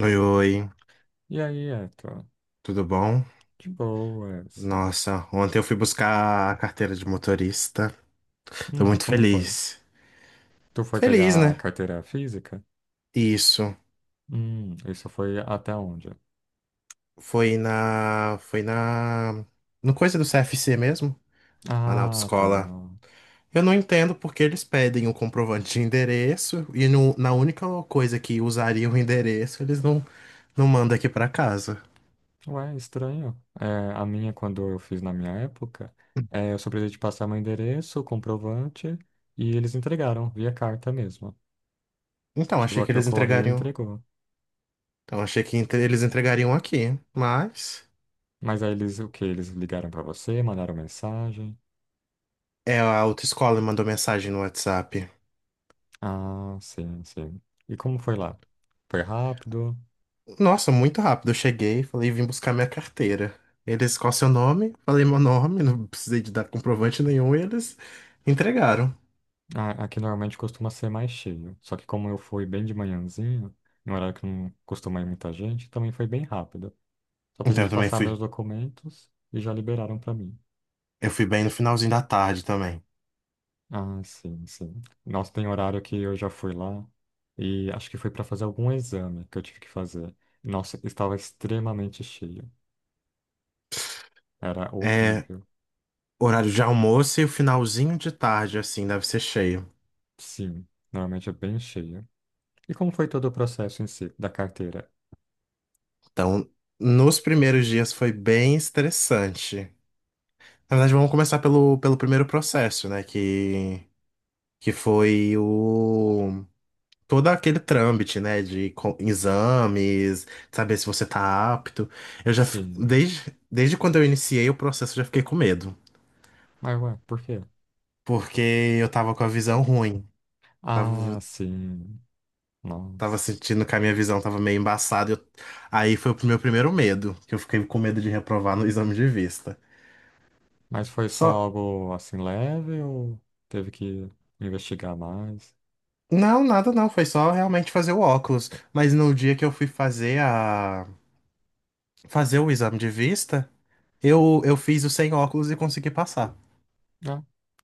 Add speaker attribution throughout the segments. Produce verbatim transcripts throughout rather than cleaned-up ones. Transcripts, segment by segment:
Speaker 1: Oi, oi,
Speaker 2: E aí, Eto?
Speaker 1: tudo bom?
Speaker 2: De boas.
Speaker 1: Nossa, ontem eu fui buscar a carteira de motorista. Tô
Speaker 2: Hum,
Speaker 1: muito
Speaker 2: como foi?
Speaker 1: feliz.
Speaker 2: Tu foi
Speaker 1: Feliz,
Speaker 2: pegar a
Speaker 1: né?
Speaker 2: carteira física?
Speaker 1: Isso.
Speaker 2: Hum, isso foi até onde?
Speaker 1: Foi na. Foi na. No coisa do C F C mesmo, lá na
Speaker 2: Ah, tá.
Speaker 1: autoescola. Eu não entendo porque eles pedem um comprovante de endereço e no- na única coisa que usariam o endereço, eles não, não mandam aqui pra casa.
Speaker 2: Ué, estranho. É, a minha, quando eu fiz na minha época, é, eu só precisei de passar meu endereço, comprovante, e eles entregaram, via carta mesmo.
Speaker 1: Então,
Speaker 2: Chegou
Speaker 1: achei que
Speaker 2: aqui o
Speaker 1: eles
Speaker 2: correio e
Speaker 1: entregariam.
Speaker 2: entregou.
Speaker 1: Então, achei que entre- eles entregariam aqui, mas.
Speaker 2: Mas aí eles, o quê? Eles ligaram pra você, mandaram mensagem?
Speaker 1: É, a autoescola me mandou mensagem no WhatsApp.
Speaker 2: Ah, sim, sim. E como foi lá? Foi rápido?
Speaker 1: Nossa, muito rápido. Eu cheguei, falei, vim buscar minha carteira. Eles, qual é o seu nome? Falei meu nome, não precisei de dar comprovante nenhum, e eles entregaram.
Speaker 2: A- Aqui normalmente costuma ser mais cheio. Só que como eu fui bem de manhãzinho, em um horário que não costuma ir muita gente, também foi bem rápido. Só
Speaker 1: Então
Speaker 2: precisei
Speaker 1: eu
Speaker 2: de
Speaker 1: também
Speaker 2: passar
Speaker 1: fui.
Speaker 2: meus documentos e já liberaram pra mim.
Speaker 1: Eu fui bem no finalzinho da tarde também.
Speaker 2: Ah, sim, sim. Nossa, tem horário que eu já fui lá e acho que foi pra fazer algum exame que eu tive que fazer. Nossa, estava extremamente cheio. Era
Speaker 1: É
Speaker 2: horrível.
Speaker 1: horário de almoço e o finalzinho de tarde, assim, deve ser cheio.
Speaker 2: Sim, normalmente é bem cheio. E como foi todo o processo em si da carteira?
Speaker 1: Então, nos primeiros dias foi bem estressante. Na verdade, vamos começar pelo, pelo primeiro processo, né? Que, que foi o todo aquele trâmite, né, de co- exames, saber se você tá apto. Eu já, fi-
Speaker 2: Sim.
Speaker 1: desde, desde quando eu iniciei o processo, eu já fiquei com medo,
Speaker 2: Mas ué, por quê?
Speaker 1: porque eu tava com a visão ruim,
Speaker 2: Ah,
Speaker 1: tava,
Speaker 2: sim.
Speaker 1: tava
Speaker 2: Nossa.
Speaker 1: sentindo que a minha visão tava meio embaçada. eu- aí foi o meu primeiro medo, que eu fiquei com medo de reprovar no exame de vista.
Speaker 2: Mas foi só
Speaker 1: Só,
Speaker 2: algo assim leve ou teve que investigar mais?
Speaker 1: não, nada não, foi só realmente fazer o óculos. Mas no dia que eu fui fazer a, fazer o exame de vista, eu, eu fiz o sem óculos e consegui passar.
Speaker 2: Ah,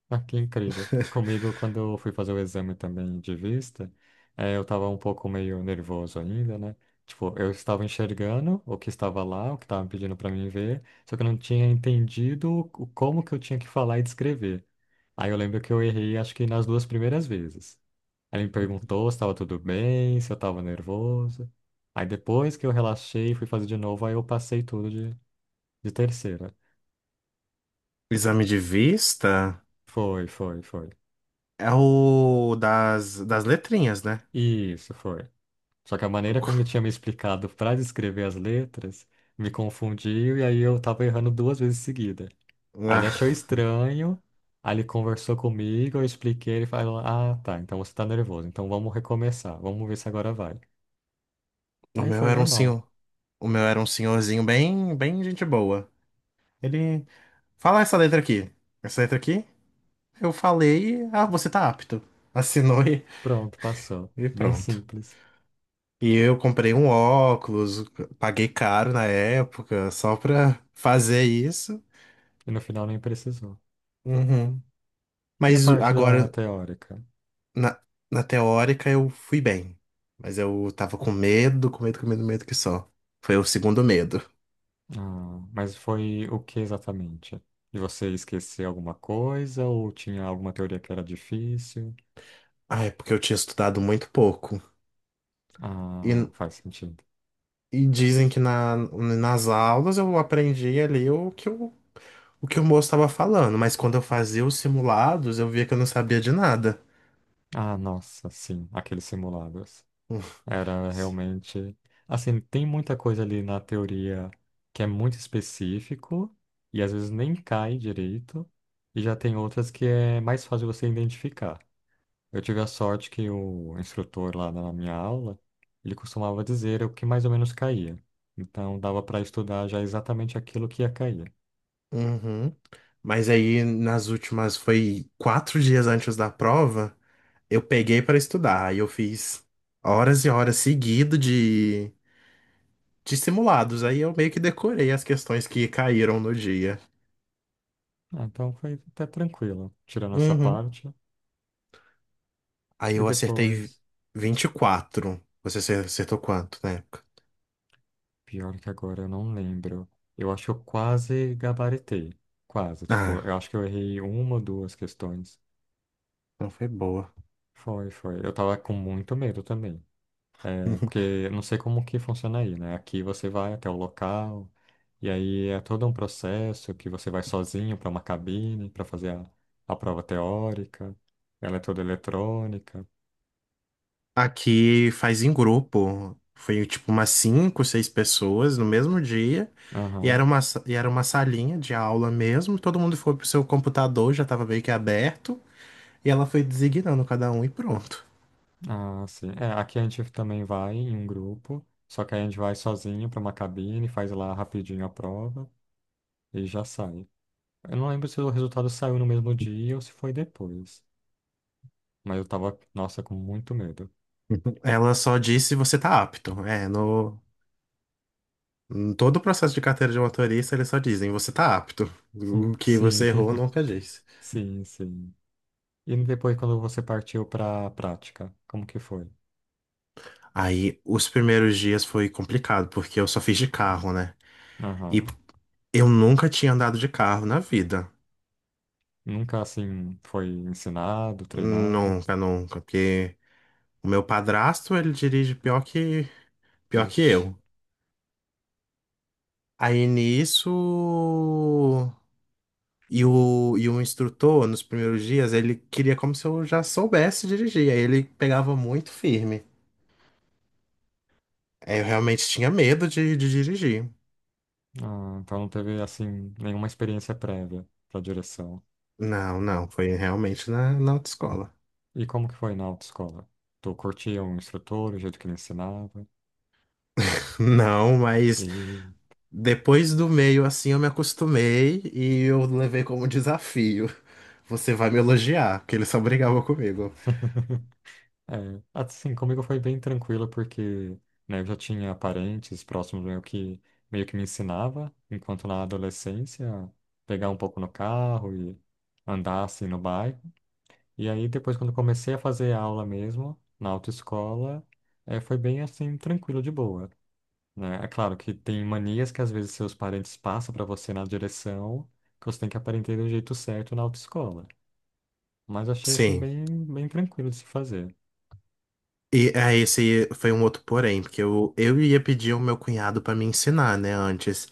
Speaker 2: ah, que incrível. Comigo, quando eu fui fazer o exame também de vista, eh, eu estava um pouco meio nervoso ainda, né? Tipo, eu estava enxergando o que estava lá, o que estavam pedindo para mim ver, só que eu não tinha entendido o- como que eu tinha que falar e descrever. Aí eu lembro que eu errei, acho que nas duas primeiras vezes. Ele me perguntou se estava tudo bem, se eu estava nervoso. Aí depois que eu relaxei e fui fazer de novo, aí eu passei tudo de, de terceira.
Speaker 1: O exame de vista
Speaker 2: Foi, foi, foi.
Speaker 1: é o das, das letrinhas, né?
Speaker 2: Isso, foi. Só que a maneira como ele tinha me explicado para descrever as letras me confundiu e aí eu tava errando duas vezes seguida. Aí ele
Speaker 1: Ah,
Speaker 2: achou estranho, aí ele conversou comigo, eu expliquei, ele falou: Ah, tá, então você tá nervoso, então vamos recomeçar, vamos ver se agora vai.
Speaker 1: o
Speaker 2: Aí
Speaker 1: meu
Speaker 2: foi
Speaker 1: era um
Speaker 2: normal.
Speaker 1: senhor. O meu era um senhorzinho bem, bem gente boa. Ele. Fala essa letra aqui. Essa letra aqui, eu falei, ah, você tá apto. Assinou e,
Speaker 2: Pronto, passou.
Speaker 1: e
Speaker 2: Bem
Speaker 1: pronto.
Speaker 2: simples.
Speaker 1: E eu comprei um óculos, paguei caro na época, só pra fazer isso.
Speaker 2: E no final nem precisou.
Speaker 1: Uhum.
Speaker 2: E a
Speaker 1: Mas
Speaker 2: parte da
Speaker 1: agora,
Speaker 2: teórica?
Speaker 1: Na, na teórica eu fui bem, mas eu tava com medo, com medo, com medo, medo que só. Foi o segundo medo.
Speaker 2: Ah, mas foi o que exatamente? De você esquecer alguma coisa ou tinha alguma teoria que era difícil?
Speaker 1: Ah, é porque eu tinha estudado muito pouco. E,
Speaker 2: Ah, faz sentido.
Speaker 1: e dizem que na, nas aulas eu aprendi ali o que o, o que o moço estava falando, mas quando eu fazia os simulados eu via que eu não sabia de nada.
Speaker 2: Ah, nossa, sim, aqueles simulados. Era realmente. Assim, tem muita coisa ali na teoria que é muito específico e às vezes nem cai direito, e já tem outras que é mais fácil você identificar. Eu tive a sorte que o instrutor lá na minha aula, ele costumava dizer o que mais ou menos caía. Então dava para estudar já exatamente aquilo que ia cair.
Speaker 1: Uhum. Mas aí nas últimas, foi quatro dias antes da prova, eu peguei para estudar. Aí eu fiz horas e horas seguido de de simulados. Aí eu meio que decorei as questões que caíram no dia.
Speaker 2: Ah, então foi até tranquilo, tirando essa
Speaker 1: Uhum.
Speaker 2: parte.
Speaker 1: Aí
Speaker 2: E
Speaker 1: eu acertei
Speaker 2: depois,
Speaker 1: vinte e quatro. Você acer- acertou quanto na época?
Speaker 2: pior que agora eu não lembro. Eu acho que eu quase gabaritei. Quase, tipo,
Speaker 1: Ah,
Speaker 2: eu acho que eu errei uma ou duas questões.
Speaker 1: não foi boa.
Speaker 2: Foi, foi. Eu tava com muito medo também. É, porque eu não sei como que funciona aí, né? Aqui você vai até o local, e aí é todo um processo que você vai sozinho para uma cabine para fazer a, a prova teórica. Ela é toda eletrônica.
Speaker 1: Aqui faz em grupo. Foi tipo umas cinco, seis pessoas no mesmo dia. E era
Speaker 2: Aham.
Speaker 1: uma, sa- e era uma salinha de aula mesmo. Todo mundo foi pro seu computador, já tava meio que aberto. E ela foi designando cada um e pronto.
Speaker 2: Ah, sim. É, aqui a gente também vai em um grupo, só que aí a gente vai sozinho para uma cabine, faz lá rapidinho a prova e já sai. Eu não lembro se o resultado saiu no mesmo dia ou se foi depois, mas eu tava, nossa, com muito medo.
Speaker 1: Ela só disse você tá apto. É, no, Em todo o processo de carteira de motorista, eles só dizem, você tá apto. O que
Speaker 2: Sim,
Speaker 1: você errou, nunca diz.
Speaker 2: sim, sim. E depois, quando você partiu para a prática, como que foi?
Speaker 1: Aí, os primeiros dias foi complicado, porque eu só fiz de carro, né? E
Speaker 2: Aham.
Speaker 1: eu nunca tinha andado de carro na vida.
Speaker 2: Nunca, assim, foi ensinado, treinado?
Speaker 1: Nunca, nunca. Porque o meu padrasto, ele dirige pior que, pior que
Speaker 2: Ixi.
Speaker 1: eu. Aí, nisso... E o, e o instrutor, nos primeiros dias, ele queria como se eu já soubesse dirigir. Aí ele pegava muito firme. Aí eu realmente tinha medo de de dirigir.
Speaker 2: Ah, então não teve, assim, nenhuma experiência prévia para direção.
Speaker 1: Não, não, foi realmente na, na autoescola.
Speaker 2: E como que foi na autoescola? Tu curtia o instrutor, o jeito que ele ensinava?
Speaker 1: Não, mas
Speaker 2: E...
Speaker 1: depois do meio assim eu me acostumei e eu levei como desafio. Você vai me elogiar, porque ele só brigava comigo.
Speaker 2: É, assim, comigo foi bem tranquilo porque, né, eu já tinha parentes próximos meu que meio que me ensinava, enquanto na adolescência, pegar um pouco no carro e andar assim no bairro. E aí depois quando comecei a fazer aula mesmo, na autoescola, é, foi bem assim, tranquilo, de boa, né? É claro que tem manias que às vezes seus parentes passam para você na direção que você tem que aprender do jeito certo na autoescola. Mas achei assim
Speaker 1: Sim.
Speaker 2: bem, bem tranquilo de se fazer.
Speaker 1: E é, esse foi um outro porém, porque eu, eu ia pedir ao meu cunhado pra me ensinar, né, antes.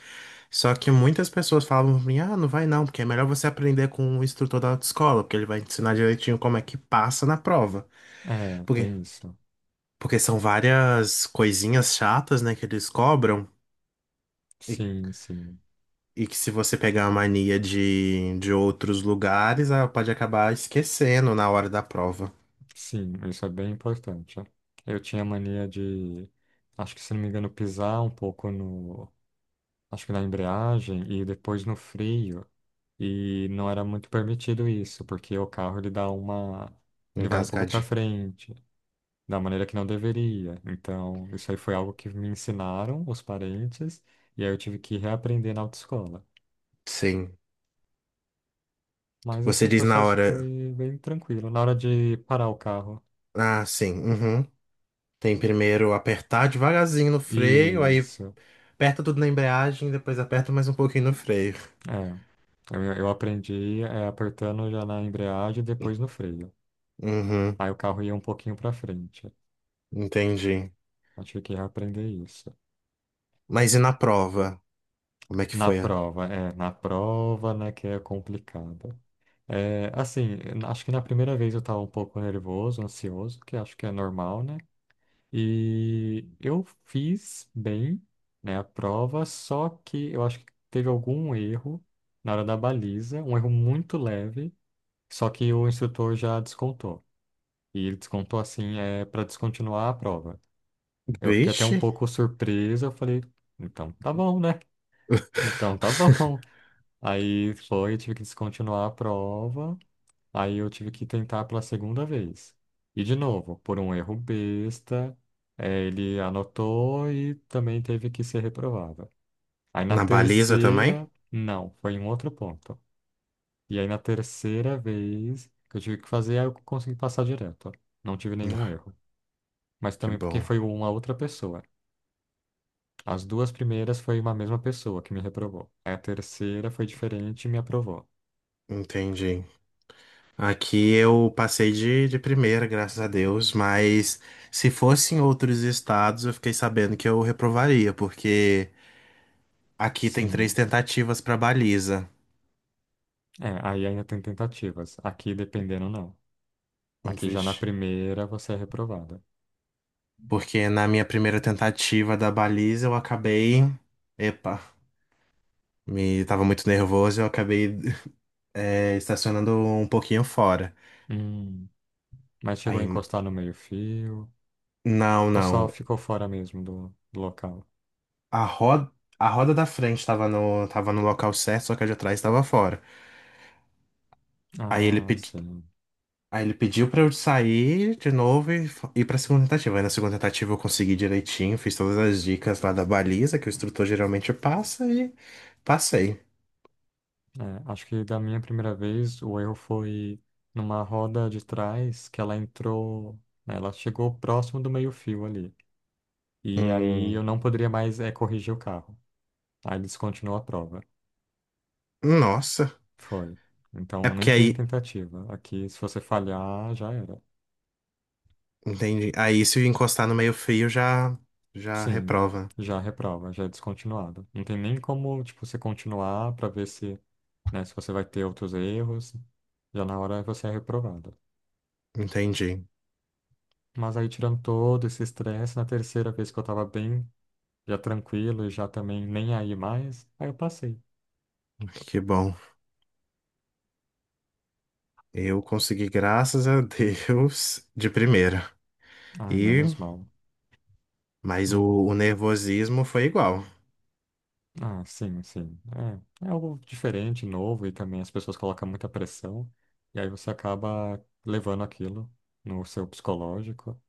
Speaker 1: Só que muitas pessoas falavam pra mim, ah, não vai não, porque é melhor você aprender com o instrutor da autoescola, porque ele vai te ensinar direitinho como é que passa na prova.
Speaker 2: É,
Speaker 1: Porque
Speaker 2: tem isso.
Speaker 1: Porque são várias coisinhas chatas, né, que eles cobram. E,
Speaker 2: Sim, sim.
Speaker 1: e que se você pegar a mania de, de outros lugares, ah, pode acabar esquecendo na hora da prova.
Speaker 2: Sim, isso é bem importante. Ó, eu tinha mania de, acho que se não me engano, pisar um pouco no, acho que na embreagem e depois no freio. E não era muito permitido isso, porque o carro ele dá uma, ele vai um pouco para
Speaker 1: Engasgadinho.
Speaker 2: frente, da maneira que não deveria. Então, isso aí foi algo que me ensinaram os parentes e aí eu tive que reaprender na autoescola.
Speaker 1: Sim.
Speaker 2: Mas assim,
Speaker 1: Você
Speaker 2: o
Speaker 1: diz na
Speaker 2: processo
Speaker 1: hora.
Speaker 2: foi bem tranquilo. Na hora de parar o carro,
Speaker 1: Ah, sim. Uhum. Tem primeiro apertar devagarzinho no freio, aí
Speaker 2: isso.
Speaker 1: Aperta tudo na embreagem, depois aperta mais um pouquinho no freio.
Speaker 2: É, eu, eu aprendi é, apertando já na embreagem e depois no freio.
Speaker 1: Uhum,
Speaker 2: Aí o carro ia um pouquinho para frente.
Speaker 1: entendi.
Speaker 2: Eu tive que aprender isso.
Speaker 1: Mas e na prova? Como é que
Speaker 2: Na
Speaker 1: foi? A-
Speaker 2: prova, é, na prova, né, que é complicada. É, assim, acho que na primeira vez eu estava um pouco nervoso, ansioso, que acho que é normal, né? E eu fiz bem, né, a prova, só que eu acho que teve algum erro na hora da baliza, um erro muito leve, só que o instrutor já descontou. E ele descontou assim, é para descontinuar a prova. Eu fiquei até um
Speaker 1: Vixe!
Speaker 2: pouco surpreso, eu falei, então tá bom, né? Então tá bom. Aí foi, eu tive que descontinuar a prova, aí eu tive que tentar pela segunda vez. E de novo, por um erro besta, eh, ele anotou e também teve que ser reprovado. Aí na
Speaker 1: Na baliza também?
Speaker 2: terceira, não, foi em outro ponto. E aí na terceira vez que eu tive que fazer, aí eu consegui passar direto. Não tive nenhum erro, mas
Speaker 1: Que
Speaker 2: também porque
Speaker 1: bom,
Speaker 2: foi uma outra pessoa. As duas primeiras foi uma mesma pessoa que me reprovou. A terceira foi diferente e me aprovou.
Speaker 1: entendi. Aqui eu passei de, de primeira, graças a Deus, mas se fosse em outros estados, eu fiquei sabendo que eu reprovaria, porque aqui tem três
Speaker 2: Sim.
Speaker 1: tentativas para baliza.
Speaker 2: É, aí ainda tem tentativas. Aqui, dependendo, não. Aqui já na
Speaker 1: Vixe.
Speaker 2: primeira você é reprovado.
Speaker 1: Porque na minha primeira tentativa da baliza eu acabei. Epa! Me tava muito nervoso, eu acabei é, estacionando um pouquinho fora.
Speaker 2: Hum. Mas chegou a
Speaker 1: Aí,
Speaker 2: encostar no meio-fio?
Speaker 1: não,
Speaker 2: Ou só
Speaker 1: não.
Speaker 2: ficou fora mesmo do, do local?
Speaker 1: A roda, a roda da frente tava no, tava no local certo, só que a de trás tava fora. Aí ele,
Speaker 2: Ah,
Speaker 1: pedi,
Speaker 2: sim.
Speaker 1: aí ele pediu pra eu sair de novo e f- ir pra segunda tentativa. Aí na segunda tentativa eu consegui direitinho, fiz todas as dicas lá da baliza que o instrutor geralmente passa e passei.
Speaker 2: É, acho que da minha primeira vez o erro foi numa roda de trás que ela entrou. Né, ela chegou próximo do meio-fio ali. E aí
Speaker 1: Hum,
Speaker 2: eu não poderia mais eh, corrigir o carro. Aí descontinuou a prova.
Speaker 1: nossa.
Speaker 2: Foi.
Speaker 1: É
Speaker 2: Então nem
Speaker 1: porque
Speaker 2: tem
Speaker 1: aí,
Speaker 2: tentativa. Aqui, se você falhar, já era.
Speaker 1: entendi. Aí se eu encostar no meio fio já, já
Speaker 2: Sim,
Speaker 1: reprova.
Speaker 2: já reprova, já é descontinuado. Não tem nem como, tipo, você continuar para ver se, né, se você vai ter outros erros. Já na hora você é reprovado.
Speaker 1: Entendi.
Speaker 2: Mas aí tirando todo esse estresse, na terceira vez que eu tava bem, já tranquilo e já também nem aí mais, aí eu passei.
Speaker 1: Que bom. Eu consegui, graças a Deus, de primeira.
Speaker 2: Ai,
Speaker 1: E,
Speaker 2: menos mal.
Speaker 1: mas o, o
Speaker 2: Uhum.
Speaker 1: nervosismo foi igual,
Speaker 2: Ah, sim, sim. É, é algo diferente, novo, e também as pessoas colocam muita pressão, e aí você acaba levando aquilo no seu psicológico,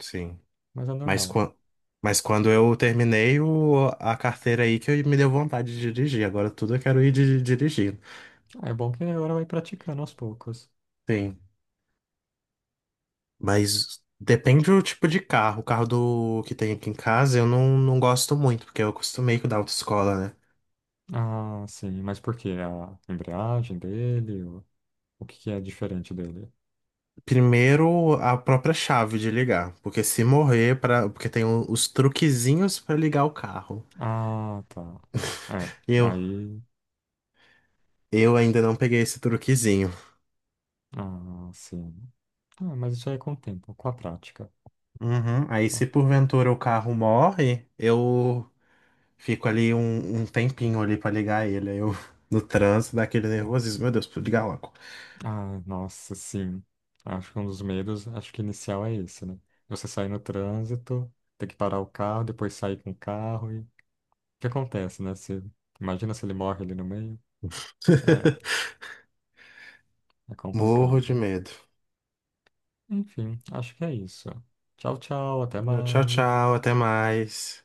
Speaker 1: sim.
Speaker 2: mas é
Speaker 1: Mas,
Speaker 2: normal.
Speaker 1: quan- mas quando eu terminei o, a carteira aí que me deu vontade de dirigir. Agora tudo eu quero ir di- dirigindo.
Speaker 2: Ah, é bom que agora vai praticando aos poucos.
Speaker 1: Sim. Mas depende do tipo de carro. O carro do que tem aqui em casa eu não, não gosto muito, porque eu acostumei com o da autoescola, né?
Speaker 2: Ah, sim, mas por quê? A embreagem dele? O, o que que é diferente dele?
Speaker 1: Primeiro, a própria chave de ligar. Porque se morrer, pra, porque tem o- os truquezinhos pra ligar o carro.
Speaker 2: Ah, tá. É,
Speaker 1: E eu,
Speaker 2: aí.
Speaker 1: Eu ainda não peguei esse truquezinho.
Speaker 2: Ah, sim. Ah, mas isso aí é com o tempo, com a prática.
Speaker 1: Uhum. Aí, se porventura o carro morre, eu fico ali um, um tempinho ali pra ligar ele. Aí eu, no trânsito, dá aquele nervosismo. Meu Deus, preciso ligar logo.
Speaker 2: Ah, nossa, sim. Acho que um dos medos, acho que inicial é esse, né? Você sair no trânsito, ter que parar o carro, depois sair com o carro e... O que acontece, né? Você... Imagina se ele morre ali no meio. É, é
Speaker 1: Morro de
Speaker 2: complicado.
Speaker 1: medo.
Speaker 2: Enfim, acho que é isso. Tchau, tchau, até
Speaker 1: Tchau, tchau,
Speaker 2: mais.
Speaker 1: até mais.